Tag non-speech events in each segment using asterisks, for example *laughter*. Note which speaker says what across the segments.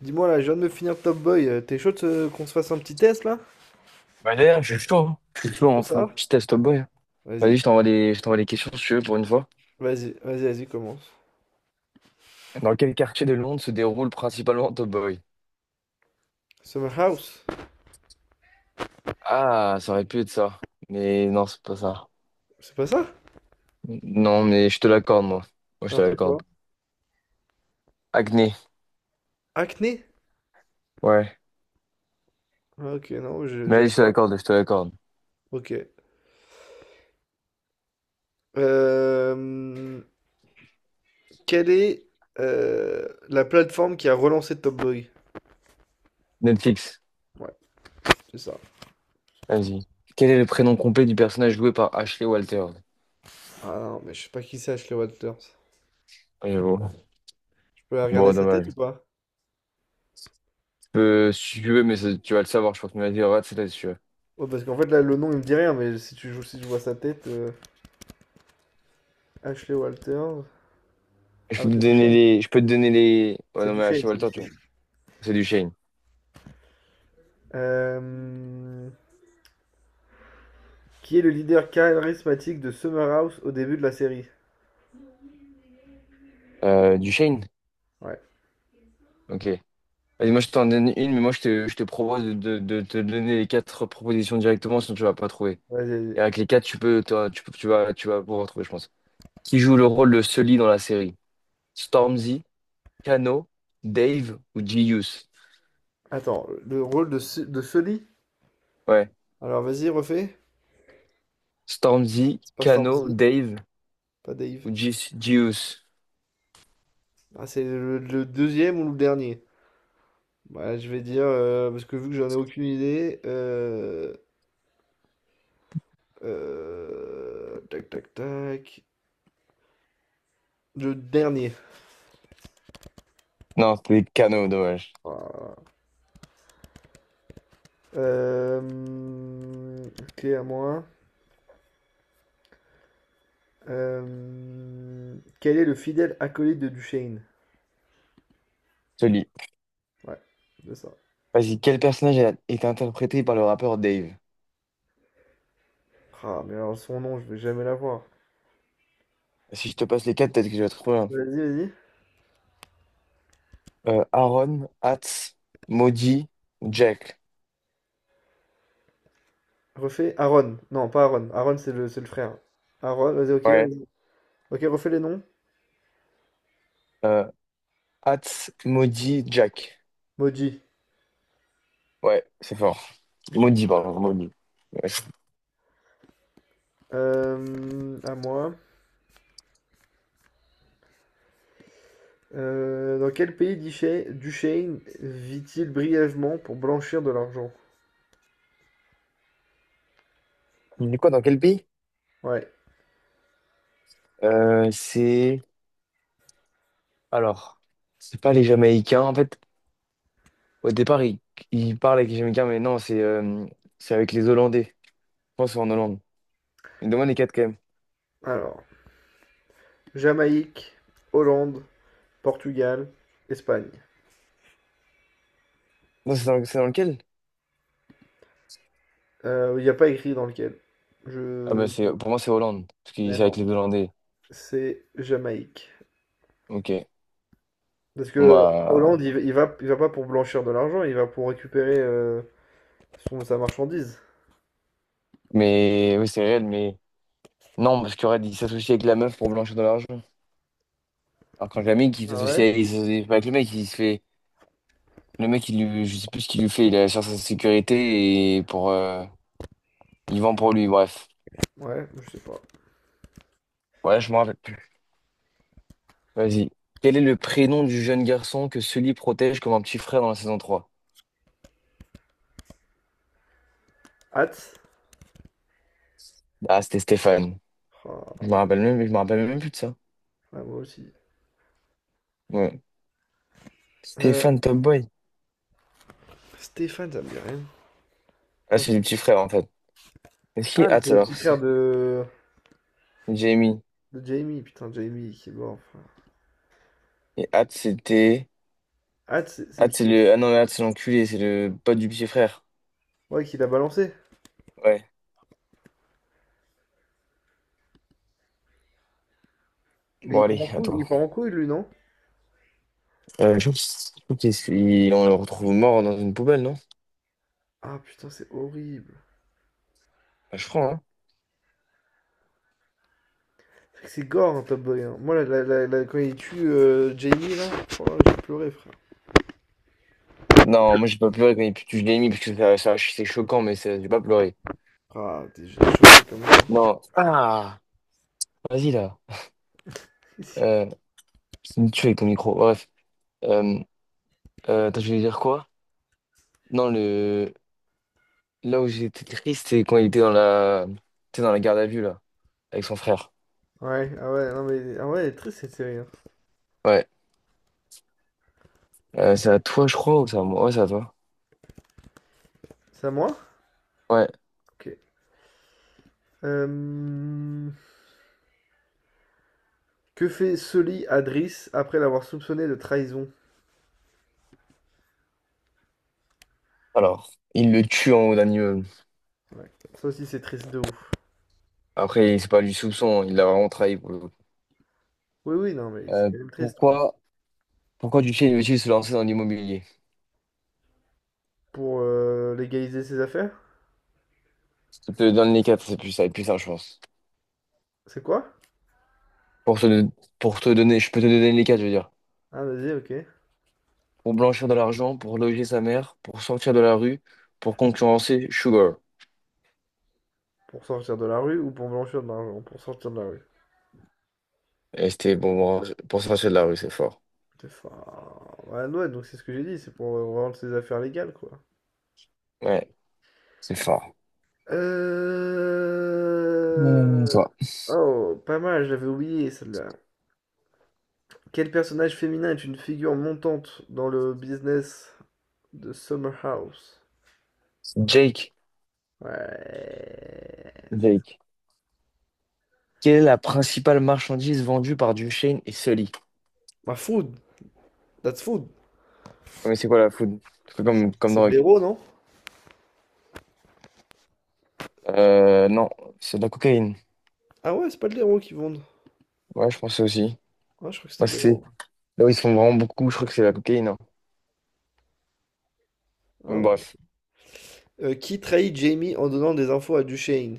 Speaker 1: Dis-moi là, je viens de me finir Top Boy. T'es chaud de qu'on se fasse un petit test là?
Speaker 2: Bah d'ailleurs, je suis chaud, hein. Je suis
Speaker 1: On
Speaker 2: chaud,
Speaker 1: fait
Speaker 2: enfin.
Speaker 1: ça?
Speaker 2: Petit test, Top Boy, hein. Vas-y,
Speaker 1: Vas-y,
Speaker 2: je t'envoie les questions si tu veux pour une fois.
Speaker 1: vas-y, commence.
Speaker 2: Dans quel quartier de Londres se déroule principalement Top Boy?
Speaker 1: Summer House?
Speaker 2: Ah, ça aurait pu être ça. Mais non, c'est pas ça.
Speaker 1: C'est pas ça?
Speaker 2: Non, mais je te l'accorde, moi. Moi, je te
Speaker 1: Alors c'est
Speaker 2: l'accorde.
Speaker 1: quoi?
Speaker 2: Acné.
Speaker 1: Acné?
Speaker 2: Ouais.
Speaker 1: Ah, ok, non,
Speaker 2: Mais vas-y,
Speaker 1: j'avais
Speaker 2: je te
Speaker 1: pas.
Speaker 2: l'accorde, je te l'accorde.
Speaker 1: Ok. Euh, Quelle est la plateforme qui a relancé Top Boy?
Speaker 2: Netflix.
Speaker 1: Ouais, c'est ça.
Speaker 2: Vas-y. Quel est le prénom complet du personnage joué par Ashley Walter?
Speaker 1: Ah non, mais je sais pas qui c'est Ashley Walters.
Speaker 2: J'avoue. Bon,
Speaker 1: Je peux regarder
Speaker 2: Bon,
Speaker 1: sa tête
Speaker 2: dommage.
Speaker 1: ou pas?
Speaker 2: Tu peux, si tu veux, mais tu vas le savoir, je pense. Mais vas-y, regarde, c'est là, si tu veux.
Speaker 1: Ouais, parce qu'en fait là, le nom il me dit rien, mais si tu joues, si je vois sa tête, Ashley Walters. Ah, mais c'est du shade,
Speaker 2: Je peux te donner les. Ouais,
Speaker 1: c'est
Speaker 2: non,
Speaker 1: du
Speaker 2: mais
Speaker 1: shade,
Speaker 2: Ashley
Speaker 1: c'est du
Speaker 2: Walter, tu
Speaker 1: shade.
Speaker 2: vois. C'est du Shane.
Speaker 1: Euh, qui est le leader charismatique de Summer House au début de la série?
Speaker 2: Du Shane?
Speaker 1: Ouais.
Speaker 2: Ok. Allez, moi, je t'en donne une, mais moi, je te propose de te donner les quatre propositions directement, sinon tu vas pas trouver.
Speaker 1: Vas-y,
Speaker 2: Et
Speaker 1: vas-y.
Speaker 2: avec les quatre, tu peux, tu vas pouvoir trouver, je pense. Qui joue le rôle de Sully dans la série? Stormzy, Kano, Dave ou Gius?
Speaker 1: Attends, le rôle de, de Sully?
Speaker 2: Ouais.
Speaker 1: Alors vas-y, refais.
Speaker 2: Stormzy,
Speaker 1: C'est pas
Speaker 2: Kano,
Speaker 1: Stormzy,
Speaker 2: Dave
Speaker 1: pas Dave.
Speaker 2: ou Gius?
Speaker 1: Ah, c'est le deuxième ou le dernier? Bah, je vais dire, parce que vu que j'en ai aucune idée, tac tac tac, le dernier.
Speaker 2: Non, c'était Kano, dommage.
Speaker 1: Voilà. Euh, ok, à moi. Quel est le fidèle acolyte de Duchesne?
Speaker 2: Sully.
Speaker 1: Ouais, c'est ça.
Speaker 2: Vas-y, quel personnage a été interprété par le rappeur Dave?
Speaker 1: Ah, mais alors son nom, je vais jamais l'avoir.
Speaker 2: Si je te passe les quatre, peut-être que je vais trouver.
Speaker 1: Vas-y, vas-y.
Speaker 2: Aaron, Hatz, Maudit, Jack.
Speaker 1: Refais Aaron. Non, pas Aaron. Aaron, c'est le frère. Aaron,
Speaker 2: Ouais.
Speaker 1: vas-y. Ok, refais les noms.
Speaker 2: Euh, Hatz, Maudit, Jack.
Speaker 1: Moji.
Speaker 2: Ouais, c'est fort. Maudit, pardon, Maudit. Ouais.
Speaker 1: À moi. Dans quel pays Duchesne, vit-il brièvement pour blanchir de l'argent?
Speaker 2: Il est quoi, dans quel pays?
Speaker 1: Ouais.
Speaker 2: Euh, c'est... Alors, c'est pas les Jamaïcains. En fait, au départ, ils il parlent avec les Jamaïcains, mais non, c'est avec les Hollandais. Je pense que c'est en Hollande. Mais demande les quatre quand même.
Speaker 1: Alors, Jamaïque, Hollande, Portugal, Espagne.
Speaker 2: Non, c'est dans lequel?
Speaker 1: Il n'y a pas écrit dans lequel.
Speaker 2: Ah bah,
Speaker 1: Je...
Speaker 2: c'est, pour moi, c'est Hollande. Parce que
Speaker 1: Ouais,
Speaker 2: c'est avec
Speaker 1: non.
Speaker 2: les Hollandais.
Speaker 1: C'est Jamaïque.
Speaker 2: Ok.
Speaker 1: Parce
Speaker 2: Bon,
Speaker 1: que Hollande, il,
Speaker 2: bah.
Speaker 1: il va pas pour blanchir de l'argent, il va pour récupérer son, sa marchandise.
Speaker 2: Mais oui, c'est réel, mais. Non, parce qu'il aurait dit s'associer avec la meuf pour blanchir de l'argent. Alors quand le qui
Speaker 1: Ah ouais?
Speaker 2: s'associe avec, il s'associe pas avec le mec, il se fait. Le mec, il lui, je sais plus ce qu'il lui fait, il assure sa sécurité et pour. Il vend pour lui, bref.
Speaker 1: Ouais, je sais pas.
Speaker 2: Ouais, je me rappelle plus. Vas-y. Quel est le prénom du jeune garçon que Sully protège comme un petit frère dans la saison trois?
Speaker 1: Hâte?
Speaker 2: Ah, c'était Stéphane.
Speaker 1: Ah,
Speaker 2: Je me rappelle même plus de ça.
Speaker 1: ah, moi aussi.
Speaker 2: Ouais.
Speaker 1: Euh,
Speaker 2: Stéphane Top Boy.
Speaker 1: Stéphane, ça me dit rien.
Speaker 2: Ah,
Speaker 1: Attends,
Speaker 2: c'est le
Speaker 1: je-
Speaker 2: petit frère en fait. Est-ce qu'il est
Speaker 1: Ah, mais c'est
Speaker 2: Hatz
Speaker 1: le
Speaker 2: alors?
Speaker 1: petit frère
Speaker 2: C'est Jamie.
Speaker 1: de Jamie, putain, Jamie qui est mort. Enfin.
Speaker 2: Et Hatz, c'était.
Speaker 1: Hâte, c'est
Speaker 2: Hatz, c'est
Speaker 1: qui?
Speaker 2: le. Ah non, mais Hatz, c'est l'enculé, c'est le pote du petit frère.
Speaker 1: Ouais, qui l'a balancé.
Speaker 2: Ouais.
Speaker 1: Et
Speaker 2: Bon,
Speaker 1: il part
Speaker 2: allez,
Speaker 1: en couille, il
Speaker 2: attends.
Speaker 1: part en couille, lui, non?
Speaker 2: Je trouve qu'il on le retrouve mort dans une poubelle, non?
Speaker 1: Ah putain, c'est horrible.
Speaker 2: Bah, je crois, hein.
Speaker 1: C'est gore, un Top Boy, hein. Moi, quand il tue Jamie, là, oh, j'ai pleuré, frère.
Speaker 2: Non, moi, j'ai pas pleuré quand je l'ai mis, parce que c'est choquant, mais j'ai pas pleuré.
Speaker 1: Ah, des j'ai des choses comme ça.
Speaker 2: Non. Ah! Vas-y, là.
Speaker 1: *laughs*
Speaker 2: Euh, c'est une tuerie, ton micro. Bref. Euh, Attends, je voulais dire quoi? Non, le. Là où j'étais triste, c'est quand il était t'es dans la garde à vue, là, avec son frère.
Speaker 1: Ouais, ah ouais, non mais ah ouais, elle est triste cette série, hein.
Speaker 2: Ouais. C'est à toi, je crois, ou c'est à moi? Ouais, c'est à toi.
Speaker 1: C'est à moi?
Speaker 2: Ouais.
Speaker 1: Ok. Euh, que fait Sully à Driss après l'avoir soupçonné de trahison?
Speaker 2: Alors, il le tue en haut d'un immeuble.
Speaker 1: Ouais, ça aussi c'est triste de ouf.
Speaker 2: Après, c'est pas du soupçon, il l'a vraiment trahi.
Speaker 1: Oui, oui, non mais c'est
Speaker 2: Euh,
Speaker 1: quand même triste quoi.
Speaker 2: pourquoi, pourquoi Duché veut-il se lancer dans l'immobilier?
Speaker 1: Pour légaliser ses affaires?
Speaker 2: Je te donne les quatre, c'est plus ça, je pense.
Speaker 1: C'est quoi?
Speaker 2: Pour te, pour te donner, je peux te donner les quatre, je veux dire.
Speaker 1: Ah vas-y, ok.
Speaker 2: Pour blanchir de l'argent, pour loger sa mère, pour sortir de la rue, pour concurrencer Sugar.
Speaker 1: Pour sortir de la rue ou pour blanchir de l'argent? Pour sortir de la rue.
Speaker 2: Et c'était bon, pour sortir de la rue, c'est fort.
Speaker 1: C'est fa- Ouais, ouais, donc c'est ce que j'ai dit, c'est pour rendre ses affaires légales quoi.
Speaker 2: Ouais, c'est fort.
Speaker 1: Euh...
Speaker 2: Toi.
Speaker 1: Oh, pas mal, j'avais oublié celle-là. Quel personnage féminin est une figure montante dans le business de Summer House?
Speaker 2: Jake,
Speaker 1: Ouais.
Speaker 2: Jake. Quelle est la principale marchandise vendue par Duchesne et Sully?
Speaker 1: Bah, food. That's food.
Speaker 2: Ouais, mais c'est quoi la food? C'est comme, comme
Speaker 1: C'est de
Speaker 2: drogue.
Speaker 1: l'héros, non?
Speaker 2: Non, c'est de la cocaïne.
Speaker 1: Ah ouais, c'est pas de l'héros qui vendent.
Speaker 2: Ouais, je pensais aussi.
Speaker 1: Ah, je crois que
Speaker 2: Moi,
Speaker 1: c'était de l'héros.
Speaker 2: là où ils sont vraiment beaucoup, je crois que c'est la cocaïne, hein.
Speaker 1: Ah
Speaker 2: Donc,
Speaker 1: ouais.
Speaker 2: bref.
Speaker 1: Qui trahit Jamie en donnant des infos à Duchesne?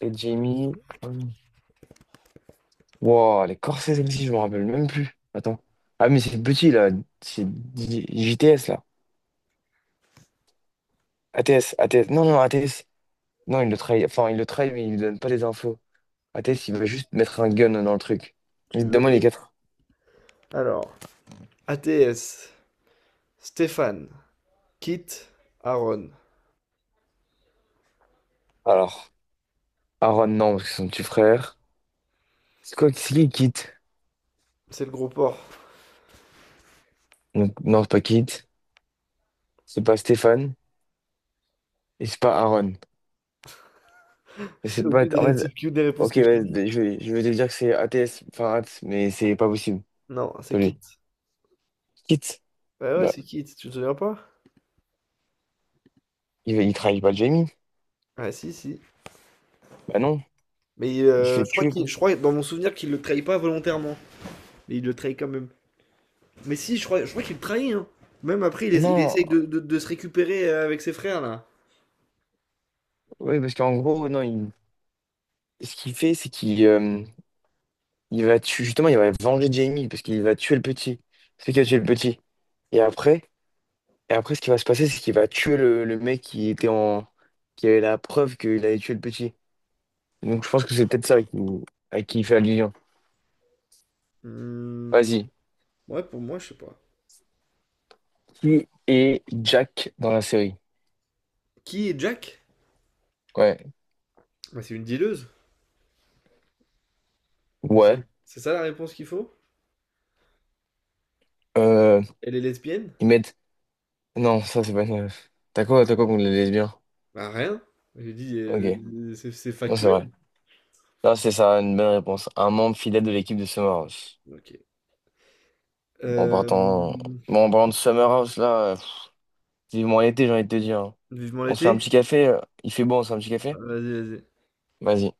Speaker 2: Et Jamie. Wow, les Corsairs aussi, je me rappelle même plus. Attends. Ah, mais c'est petit, là. C'est JTS, là. ATS, ATS. Non, non, ATS. Non, il le trahit. Enfin, il le trahit, mais il lui donne pas les infos.
Speaker 1: Tu,
Speaker 2: ATS, il va juste mettre un gun dans le truc.
Speaker 1: tu veux
Speaker 2: Évidemment, les
Speaker 1: les...
Speaker 2: quatre.
Speaker 1: Alors, ATS, Stéphane, Kit, Aaron.
Speaker 2: Alors, Aaron, non, parce que c'est son petit frère. C'est quoi? C'est qui Kit?
Speaker 1: C'est le gros porc.
Speaker 2: Donc, non, c'est pas Kit. C'est pas Stéphane. Et c'est pas Aaron. Mais c'est pas. En
Speaker 1: C'est
Speaker 2: fait.
Speaker 1: aucune des réponses
Speaker 2: Ok,
Speaker 1: que je t'ai
Speaker 2: ouais,
Speaker 1: dit.
Speaker 2: je vais te dire que c'est ATS, enfin ATS, mais c'est pas possible.
Speaker 1: Non, c'est
Speaker 2: Pas lui.
Speaker 1: Kit.
Speaker 2: Kit,
Speaker 1: Bah ouais,
Speaker 2: bah,
Speaker 1: c'est Kit. Tu te souviens pas?
Speaker 2: il, il trahit pas Jamie.
Speaker 1: Ah si, si.
Speaker 2: Bah non,
Speaker 1: Mais
Speaker 2: il se fait
Speaker 1: je crois
Speaker 2: tuer,
Speaker 1: qu'il,
Speaker 2: quoi.
Speaker 1: je crois dans mon souvenir qu'il le trahit pas volontairement, mais il le trahit quand même. Mais si, je crois qu'il le trahit, hein. Même après, il, il
Speaker 2: Non,
Speaker 1: essaye de, de se récupérer avec ses frères là.
Speaker 2: oui, parce qu'en gros, non, ce qu'il fait, c'est qu'il il va tuer, justement, il va venger Jamie, parce qu'il va tuer le petit. C'est qui a tué le petit. Et après, et après, ce qui va se passer, c'est qu'il va tuer le mec qui était qui avait la preuve qu'il avait tué le petit. Donc je pense que c'est peut-être ça à qui il fait allusion.
Speaker 1: Hmm.
Speaker 2: Vas-y.
Speaker 1: Ouais, pour moi, je sais pas.
Speaker 2: Qui est Jack dans la série?
Speaker 1: Qui est Jack?
Speaker 2: Ouais.
Speaker 1: Bah, c'est une dealeuse. C'est
Speaker 2: Ouais.
Speaker 1: c'est ça la réponse qu'il faut?
Speaker 2: Euh,
Speaker 1: Elle est lesbienne?
Speaker 2: Ils mettent. Non, ça, c'est pas une. T'as quoi contre les lesbiens?
Speaker 1: Bah rien. J'ai dit,
Speaker 2: Ok.
Speaker 1: c'est
Speaker 2: Non, c'est
Speaker 1: factuel.
Speaker 2: vrai. Là, c'est ça, une bonne réponse. Un membre fidèle de l'équipe de Summer House.
Speaker 1: Ok.
Speaker 2: Bon, en partant.
Speaker 1: Euh,
Speaker 2: Bon, en parlant de Summer House, vivement l'été, j'ai envie de te dire, hein.
Speaker 1: vivement
Speaker 2: On se fait un
Speaker 1: l'été?
Speaker 2: petit café. Il fait beau, on se fait un petit
Speaker 1: Ah,
Speaker 2: café?
Speaker 1: vas-y, vas-y.
Speaker 2: Vas-y.